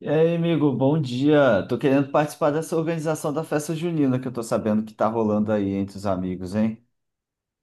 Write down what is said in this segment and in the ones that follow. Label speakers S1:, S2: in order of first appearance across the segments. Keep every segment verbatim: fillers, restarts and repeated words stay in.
S1: E aí, amigo, bom dia. Tô querendo participar dessa organização da festa junina que eu tô sabendo que tá rolando aí entre os amigos, hein?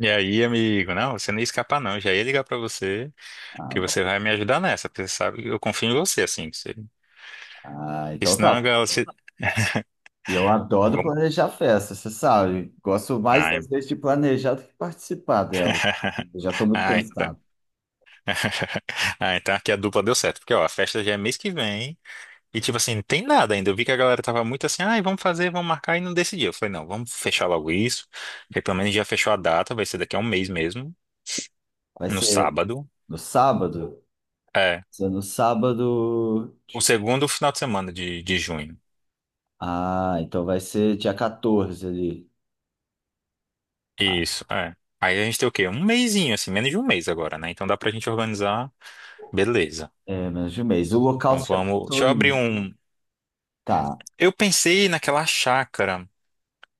S2: E aí, amigo, não, você não ia escapar não. Eu já ia ligar pra você,
S1: Ah,
S2: que você
S1: bom.
S2: vai me ajudar nessa, porque você sabe que eu confio em você, assim, que você... porque
S1: Ah, então
S2: senão a
S1: tá.
S2: galera... se-
S1: E eu adoro
S2: Vamos-
S1: planejar festa, você sabe. Gosto mais, às
S2: Ai,
S1: vezes, de planejar do que participar dela. Eu já tô muito
S2: ah, então.
S1: cansado.
S2: Ah, então aqui a dupla deu certo, porque ó, a festa já é mês que vem, e tipo assim, não tem nada ainda. Eu vi que a galera tava muito assim, ai, vamos fazer, vamos marcar, e não decidiu. Eu falei, não, vamos fechar logo isso, porque pelo menos já fechou a data. Vai ser daqui a um mês mesmo,
S1: Vai
S2: no
S1: ser
S2: sábado,
S1: no sábado?
S2: é,
S1: Se é no sábado.
S2: o segundo final de semana de, de junho.
S1: Ah, então vai ser dia catorze ali. Ah,
S2: Isso, é. Aí a gente tem o quê? Um mesinho, assim, menos de um mês agora, né? Então dá pra gente organizar. Beleza.
S1: é, menos de um mês. O local
S2: Então
S1: você já
S2: vamos. Deixa
S1: pensou
S2: eu abrir
S1: em.
S2: um.
S1: Tá.
S2: Eu pensei naquela chácara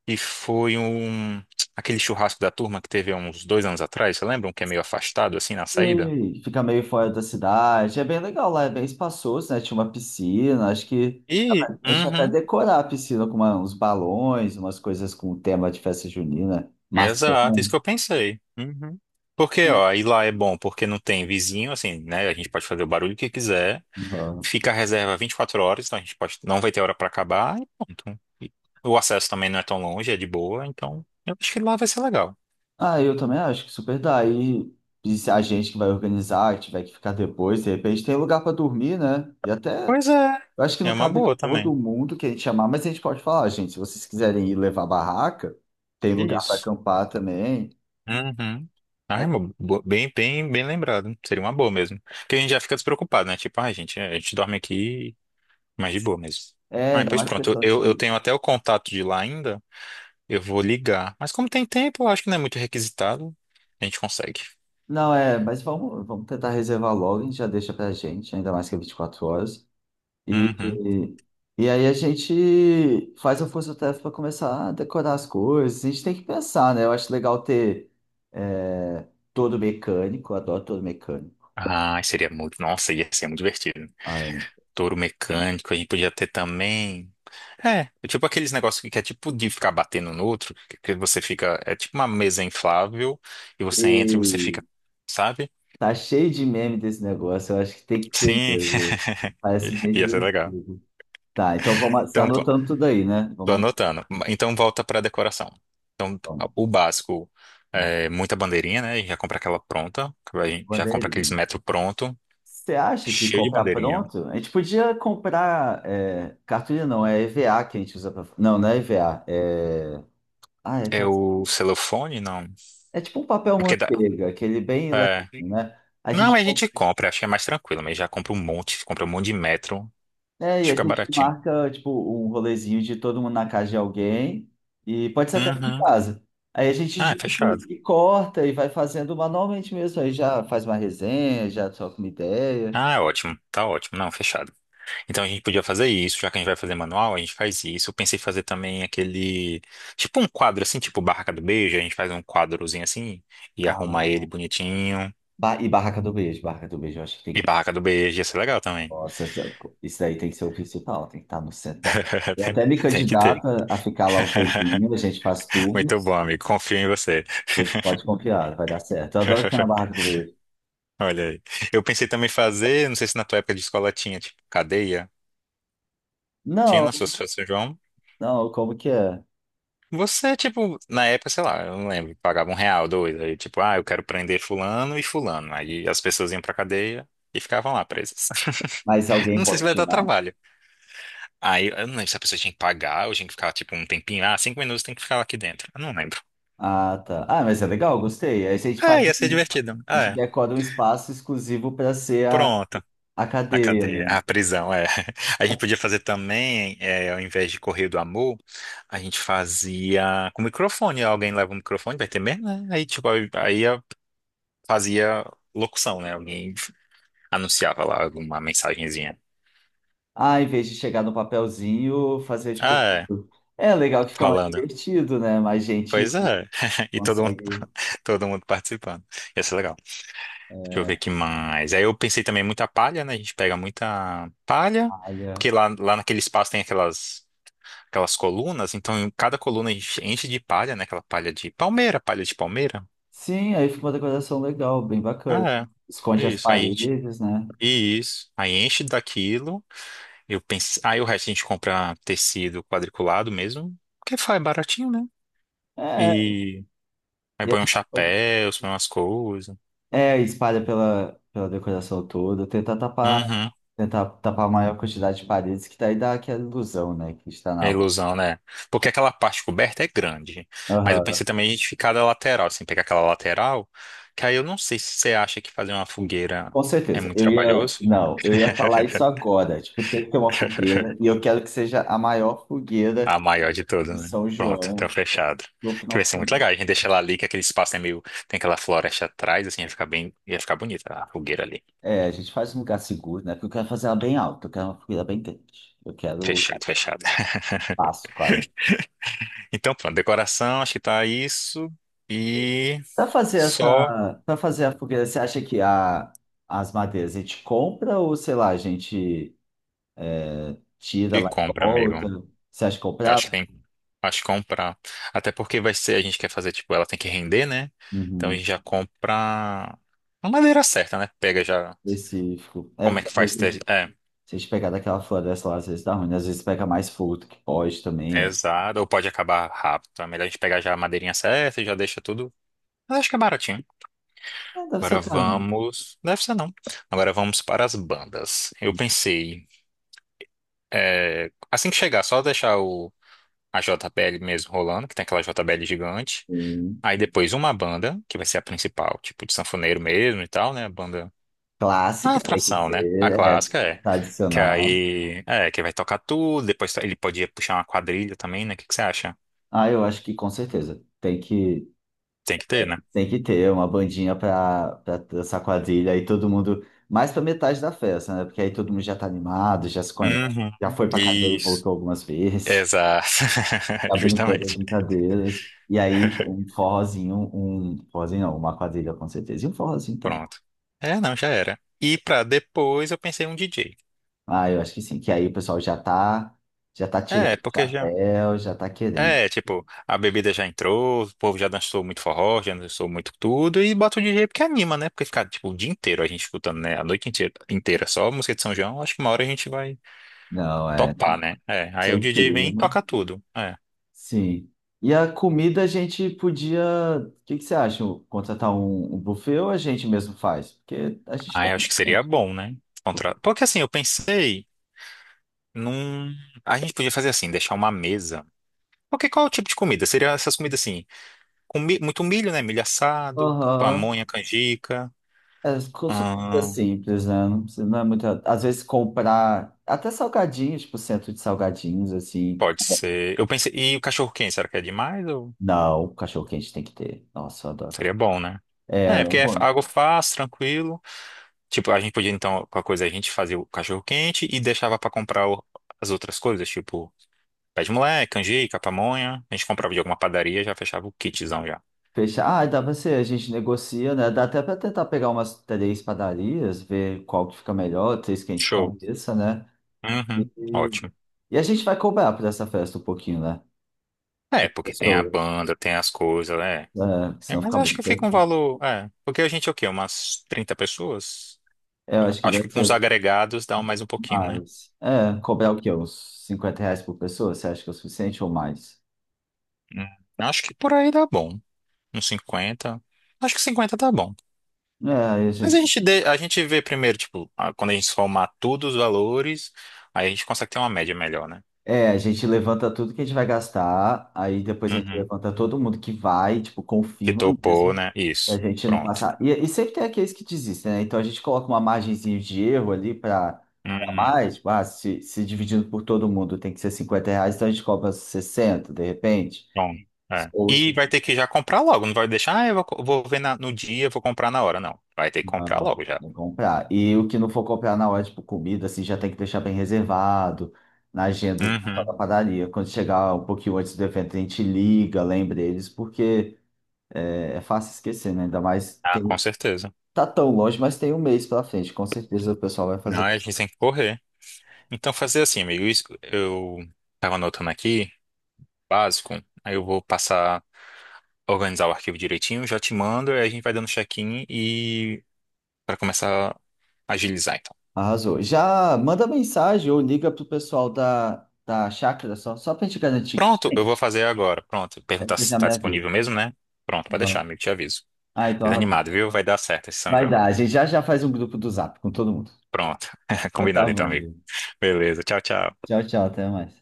S2: que foi um. Aquele churrasco da turma que teve há uns dois anos atrás, você lembra? Um que é meio afastado, assim, na saída?
S1: E fica meio fora da cidade. É bem legal lá, é bem espaçoso, né? Tinha uma piscina, acho que
S2: E.
S1: a gente ia até
S2: Uhum.
S1: decorar a piscina com uma- uns balões, umas coisas com tema de festa junina, maçã.
S2: Exato, isso que eu pensei. Uhum. Porque, ó, aí lá é bom porque não tem vizinho, assim, né? A gente pode fazer o barulho que quiser.
S1: Uhum.
S2: Fica a reserva vinte e quatro horas, então a gente pode, não vai ter hora para acabar e pronto. E o acesso também não é tão longe, é de boa, então eu acho que lá vai ser legal.
S1: Ah, eu também acho que super dá. E, e se a gente que vai organizar, que tiver que ficar depois, de repente tem lugar para dormir, né? E até,
S2: Pois é,
S1: eu acho que
S2: é
S1: não
S2: uma
S1: cabe
S2: boa
S1: todo
S2: também.
S1: mundo que a gente chamar, mas a gente pode falar, gente, se vocês quiserem ir levar barraca, tem
S2: É
S1: lugar para
S2: isso.
S1: acampar também.
S2: Uhum. Ai,
S1: É,
S2: mo- bo- bem, bem, bem lembrado. Seria uma boa mesmo. Porque a gente já fica despreocupado, né? Tipo, ai, gente, a gente dorme aqui, mas de boa mesmo.
S1: é,
S2: Ah,
S1: ainda
S2: pois
S1: mais
S2: pronto,
S1: questão
S2: eu, eu
S1: de.
S2: tenho até o contato de lá ainda. Eu vou ligar. Mas como tem tempo, eu acho que não é muito requisitado, a gente consegue.
S1: Não, é, mas vamos, vamos tentar reservar logo, a gente já deixa pra gente, ainda mais que é vinte e quatro horas. E,
S2: Uhum.
S1: e, e aí a gente faz a força-tarefa para começar a decorar as coisas. A gente tem que pensar, né? Eu acho legal ter é, todo mecânico, eu adoro todo mecânico.
S2: Ah, seria muito. Nossa, ia ser muito divertido.
S1: Ah, eu não
S2: Touro mecânico, a gente podia ter também. É, é tipo aqueles negócios que é tipo de ficar batendo no outro, que que você fica. É tipo uma mesa inflável e você entra e você
S1: sei.
S2: fica, sabe?
S1: Tá cheio de meme desse negócio, eu acho que tem que ter
S2: Sim,
S1: mesmo. Parece bem
S2: ia ser legal.
S1: divertido. Tá, então vamos, você tá
S2: Então, pô,
S1: anotando tudo aí, né?
S2: tô
S1: Vamos,
S2: anotando. Então, volta pra decoração. Então,
S1: vamos.
S2: o básico é muita bandeirinha, né? Já compra aquela pronta, a gente já compra aqueles
S1: Bandeirinha.
S2: metro pronto,
S1: Você acha que
S2: cheio de
S1: comprar
S2: bandeirinha.
S1: pronto? A gente podia comprar é, cartolina, não, é EVA que a gente usa para. Não, não é EVA. É... Ah, é,
S2: É
S1: aquela...
S2: o celofane, não?
S1: É tipo um papel
S2: Porque dá.
S1: manteiga, aquele bem leve,
S2: É,
S1: né? A
S2: não,
S1: gente...
S2: a
S1: com-
S2: gente compra, acho que é mais tranquilo, mas já compra um monte, compra um monte de metro, acho
S1: é,
S2: que
S1: e a
S2: fica
S1: gente
S2: baratinho.
S1: marca tipo um rolezinho de todo mundo na casa de alguém, e pode ser até em
S2: Uhum.
S1: casa. Aí a gente
S2: Ah, é
S1: junta
S2: fechado.
S1: e, e corta e vai fazendo manualmente mesmo. Aí já faz uma resenha, já troca uma ideia.
S2: Ah, é ótimo, tá ótimo. Não, fechado. Então a gente podia fazer isso, já que a gente vai fazer manual, a gente faz isso. Eu pensei em fazer também aquele, tipo um quadro assim, tipo Barraca do Beijo, a gente faz um quadrozinho assim e arruma ele
S1: Ah,
S2: bonitinho.
S1: ba- e barraca do beijo, barraca do beijo, eu acho que tem
S2: E
S1: que.
S2: Barraca do Beijo, ia ser legal também.
S1: Nossa, isso daí tem que ser o principal, tem que estar no centro da. Eu até me
S2: Tem que ter.
S1: candidato a ficar lá um tempinho, a gente faz
S2: Muito bom,
S1: turnos,
S2: amigo. Confio em você.
S1: você pode confiar, vai dar certo. Eu adoro ficar na barraca do beijo.
S2: Olha aí. Eu pensei também em fazer, não sei se na tua época de escola tinha, tipo, cadeia. Tinha na
S1: Não,
S2: sua São João.
S1: não, como que é?
S2: Você, tipo, na época, sei lá, eu não lembro, pagava um real, dois, aí tipo, ah, eu quero prender fulano e fulano. Aí as pessoas iam pra cadeia e ficavam lá presas.
S1: Mas alguém
S2: Não sei se
S1: pode
S2: vai dar
S1: tirar?
S2: trabalho. Aí eu não lembro se a pessoa tinha que pagar ou tinha que ficar, tipo, um tempinho, ah, cinco minutos tem que ficar aqui dentro. Eu não lembro.
S1: Ah, tá. Ah, mas é legal, gostei. Aí a gente
S2: Ah,
S1: faz,
S2: ia ser
S1: um-
S2: divertido.
S1: a
S2: Ah,
S1: gente
S2: é.
S1: decora um espaço exclusivo para ser a,
S2: Pronto.
S1: a
S2: A
S1: cadeira.
S2: cadeia, a prisão, é. A gente podia fazer também, é, ao invés de correr do amor, a gente fazia com microfone. Alguém leva o microfone, vai ter mesmo, né? Aí, tipo, aí aí fazia locução, né? Alguém anunciava lá alguma mensagenzinha.
S1: Ah, em vez de chegar no papelzinho, fazer
S2: Ah,
S1: tipo.
S2: é,
S1: É legal que fica mais
S2: falando.
S1: divertido, né? Mais gente
S2: Pois é. E todo mundo,
S1: consegue.
S2: todo mundo participando. Ia ser legal. Deixa eu ver que mais. Aí eu pensei também muita palha, né? A gente pega muita palha,
S1: Olha.
S2: porque lá, lá naquele espaço tem aquelas aquelas colunas, então em cada coluna a gente enche de palha, né? Aquela palha de palmeira, palha de palmeira.
S1: Sim, aí fica uma decoração legal, bem bacana.
S2: Ah, é.
S1: Esconde
S2: É
S1: as
S2: isso. Aí a gente,
S1: paredes, né?
S2: isso. Aí enche daquilo. Eu pensei, aí o resto a gente compra tecido quadriculado mesmo, porque faz baratinho, né?
S1: É,
S2: E aí
S1: e a
S2: põe um
S1: gente pode...
S2: chapéu, põe umas coisas.
S1: É, espalha pela, pela decoração toda, tentar tapar,
S2: Uhum.
S1: tentar tapar a maior quantidade de paredes, que daí dá aquela ilusão, né? Que está na
S2: É
S1: rua.
S2: ilusão, né? Porque aquela parte coberta é grande. Mas eu
S1: Aham.
S2: pensei também a gente ficar da lateral, assim, pegar aquela lateral, que aí eu não sei se você acha que fazer uma fogueira
S1: Com
S2: é
S1: certeza.
S2: muito
S1: Eu ia.
S2: trabalhoso.
S1: Não, eu ia falar isso agora. Tipo, tem que ter uma fogueira. E eu quero que seja a maior
S2: A
S1: fogueira
S2: maior de
S1: de
S2: todas, né?
S1: São
S2: Pronto, tá
S1: João
S2: fechado.
S1: no
S2: Que
S1: final
S2: vai
S1: de
S2: ser muito
S1: semana.
S2: legal. A gente deixa ela ali, que aquele espaço é meio. Tem aquela floresta atrás, assim, ia ficar bem. Ia ficar bonita a fogueira ali.
S1: É, a gente faz um lugar seguro, né? Porque eu quero fazer ela bem alta, eu quero uma fogueira bem grande. Eu quero o
S2: Fechado, fechado.
S1: passo quase.
S2: Então, pronto, decoração, acho que tá isso. E
S1: Para fazer
S2: só
S1: essa, para fazer a fogueira, você acha que a, as madeiras a gente compra ou, sei lá, a gente tira
S2: e
S1: lá e
S2: compra, amigo.
S1: volta? Você acha que
S2: Eu
S1: comprar?
S2: acho que tem. Acho que comprar. Até porque vai ser, a gente quer fazer, tipo, ela tem que render, né? Então a
S1: Uhum,
S2: gente já compra a madeira certa, né? Pega já.
S1: específico. É,
S2: Como é
S1: porque
S2: que
S1: às
S2: faz?
S1: vezes,
S2: ter- É,
S1: se a gente pegar daquela floresta lá, às vezes dá ruim, né? Às vezes pega mais fogo do que pode
S2: é
S1: também.
S2: exato. Ou pode acabar rápido. Então é melhor a gente pegar já a madeirinha certa e já deixa tudo. Mas acho que é baratinho.
S1: É, é, deve ser
S2: Agora
S1: caro.
S2: vamos. Deve ser não. Agora vamos para as bandas. Eu pensei. É, assim que chegar, só deixar o, a J B L mesmo rolando, que tem aquela J B L gigante.
S1: Sim.
S2: Aí depois uma banda, que vai ser a principal, tipo de sanfoneiro mesmo e tal, né? A banda. A
S1: Clássica, tem que
S2: atração, né? A
S1: ter, é
S2: clássica é. Que
S1: tradicional.
S2: aí. É, que vai tocar tudo. Depois ele podia puxar uma quadrilha também, né? O que que você acha?
S1: Ah, eu acho que com certeza. Tem que
S2: Tem que ter, né?
S1: Tem que ter uma bandinha pra, pra dançar quadrilha aí todo mundo, mais pra metade da festa, né? Porque aí todo mundo já tá animado, já se conhece,
S2: Uhum.
S1: já foi pra cadeia e
S2: Isso.
S1: voltou algumas vezes,
S2: Exato.
S1: já brincou das
S2: Justamente.
S1: brincadeiras. E aí um forrozinho, um forrozinho não, uma quadrilha com certeza, e um forrozinho também.
S2: Pronto. É, não, já era. E pra depois eu pensei um D J.
S1: Ah, eu acho que sim, que aí o pessoal já tá, já tá tirando
S2: É,
S1: o
S2: porque já.
S1: chapéu, já tá querendo.
S2: É, tipo, a bebida já entrou, o povo já dançou muito forró, já dançou muito tudo, e bota o D J porque anima, né? Porque ficar, tipo, o dia inteiro a gente escutando, né? A noite inteira, inteira só música de São João, acho que uma hora a gente vai
S1: Não, é, tem
S2: topar,
S1: que
S2: né? É,
S1: ser
S2: aí o
S1: o
S2: D J vem e
S1: clima.
S2: toca tudo. É.
S1: Sim. E a comida a gente podia. O que que você acha? Contratar um, um buffet ou a gente mesmo faz? Porque a gente tem
S2: Aí acho que seria
S1: bastante.
S2: bom, né? Contra... Porque assim, eu pensei num... A gente podia fazer assim, deixar uma mesa. Porque qual é o tipo de comida? Seria essas comidas assim, com mi- muito milho, né? Milho assado,
S1: Aham.
S2: pamonha, canjica.
S1: É co- super simples, né? Não precisa- não é muita. Às vezes comprar até salgadinhos, tipo centro de salgadinhos, assim.
S2: Pode ser. Eu pensei, e o cachorro quente, será que é demais ou
S1: Não, cachorro quente tem que ter. Nossa, eu adoro
S2: seria
S1: cachorro.
S2: bom, né?
S1: É, eu
S2: É, porque
S1: não
S2: é f-
S1: vou.
S2: algo fácil, tranquilo. Tipo, a gente podia então, com a coisa, a gente fazia o cachorro quente e deixava pra comprar o- as outras coisas, tipo, pé de moleque, canjica, pamonha. A gente comprava de alguma padaria, já fechava o kitzão já.
S1: Fechar. Ah, dá pra ser, a gente negocia, né? Dá até pra tentar pegar umas três padarias, ver qual que fica melhor, três que a gente
S2: Show.
S1: conheça, né?
S2: Uhum, ótimo.
S1: E a gente vai cobrar por essa festa um pouquinho, né?
S2: É,
S1: Das
S2: porque tem a
S1: pessoas.
S2: banda, tem as coisas, né?
S1: É, porque
S2: É,
S1: senão
S2: mas
S1: fica
S2: acho
S1: muito
S2: que fica um
S1: pesado.
S2: valor, é, porque a gente é o quê? Umas trinta pessoas?
S1: É, eu acho que
S2: Acho que
S1: deve
S2: com os
S1: ser
S2: agregados dá mais um pouquinho, né?
S1: mais. É, cobrar o quê? Uns cinquenta reais por pessoa? Você acha que é o suficiente ou mais?
S2: Hum, acho que por aí dá bom. Uns cinquenta. Acho que cinquenta tá bom.
S1: É, aí a
S2: Mas a
S1: gente,
S2: gente, dê- a gente vê primeiro, tipo, a- quando a gente somar todos os valores, aí a gente consegue ter uma média melhor, né?
S1: é, a gente levanta tudo que a gente vai gastar, aí depois a gente
S2: Uhum.
S1: levanta todo mundo que vai, tipo,
S2: Que
S1: confirma
S2: topou,
S1: mesmo,
S2: né?
S1: pra
S2: Isso.
S1: gente não
S2: Pronto.
S1: passar. E, e sempre tem aqueles que desistem, né? Então a gente coloca uma margenzinha de erro ali pra, pra
S2: Uhum.
S1: mais, tipo, ah, se, se dividindo por todo mundo tem que ser cinquenta reais, então a gente cobra sessenta de repente.
S2: Bom, é.
S1: Ou se
S2: E vai ter que já comprar logo. Não vai deixar, ah, eu vou, co- vou ver na- no dia, vou comprar na hora. Não. Vai ter que comprar
S1: não,
S2: logo já.
S1: não comprar. E o que não for comprar na hora, tipo, comida, assim, já tem que deixar bem reservado na agenda só da
S2: Uhum.
S1: padaria. Quando chegar um pouquinho antes do evento, a gente liga, lembra eles, porque é fácil esquecer, né? Ainda mais
S2: Ah,
S1: tem,
S2: com certeza.
S1: tá tão longe, mas tem um mês pra frente. Com certeza o pessoal vai
S2: Não,
S1: fazer.
S2: a gente tem que correr. Então, fazer assim, amigo. Isso, eu tava anotando aqui, básico. Aí eu vou passar, organizar o arquivo direitinho, já te mando, aí a gente vai dando check-in e para começar a agilizar, então.
S1: Arrasou. Já manda mensagem ou liga pro pessoal da, da chácara só, só pra gente garantir que
S2: Pronto, eu
S1: tem.
S2: vou fazer agora. Pronto,
S1: Né?
S2: perguntar
S1: Você
S2: se
S1: já me
S2: está
S1: avisa.
S2: disponível mesmo, né? Pronto, pode deixar,
S1: Uhum.
S2: amigo, te aviso.
S1: Ah, então
S2: Pois
S1: arrasou.
S2: animado, viu? Vai dar certo esse São
S1: Vai
S2: João.
S1: dar. A gente já já faz um grupo do Zap com todo mundo.
S2: Pronto.
S1: Então tá
S2: Combinado então,
S1: bom,
S2: amigo.
S1: gente.
S2: Beleza, tchau, tchau.
S1: Tchau, tchau, até mais.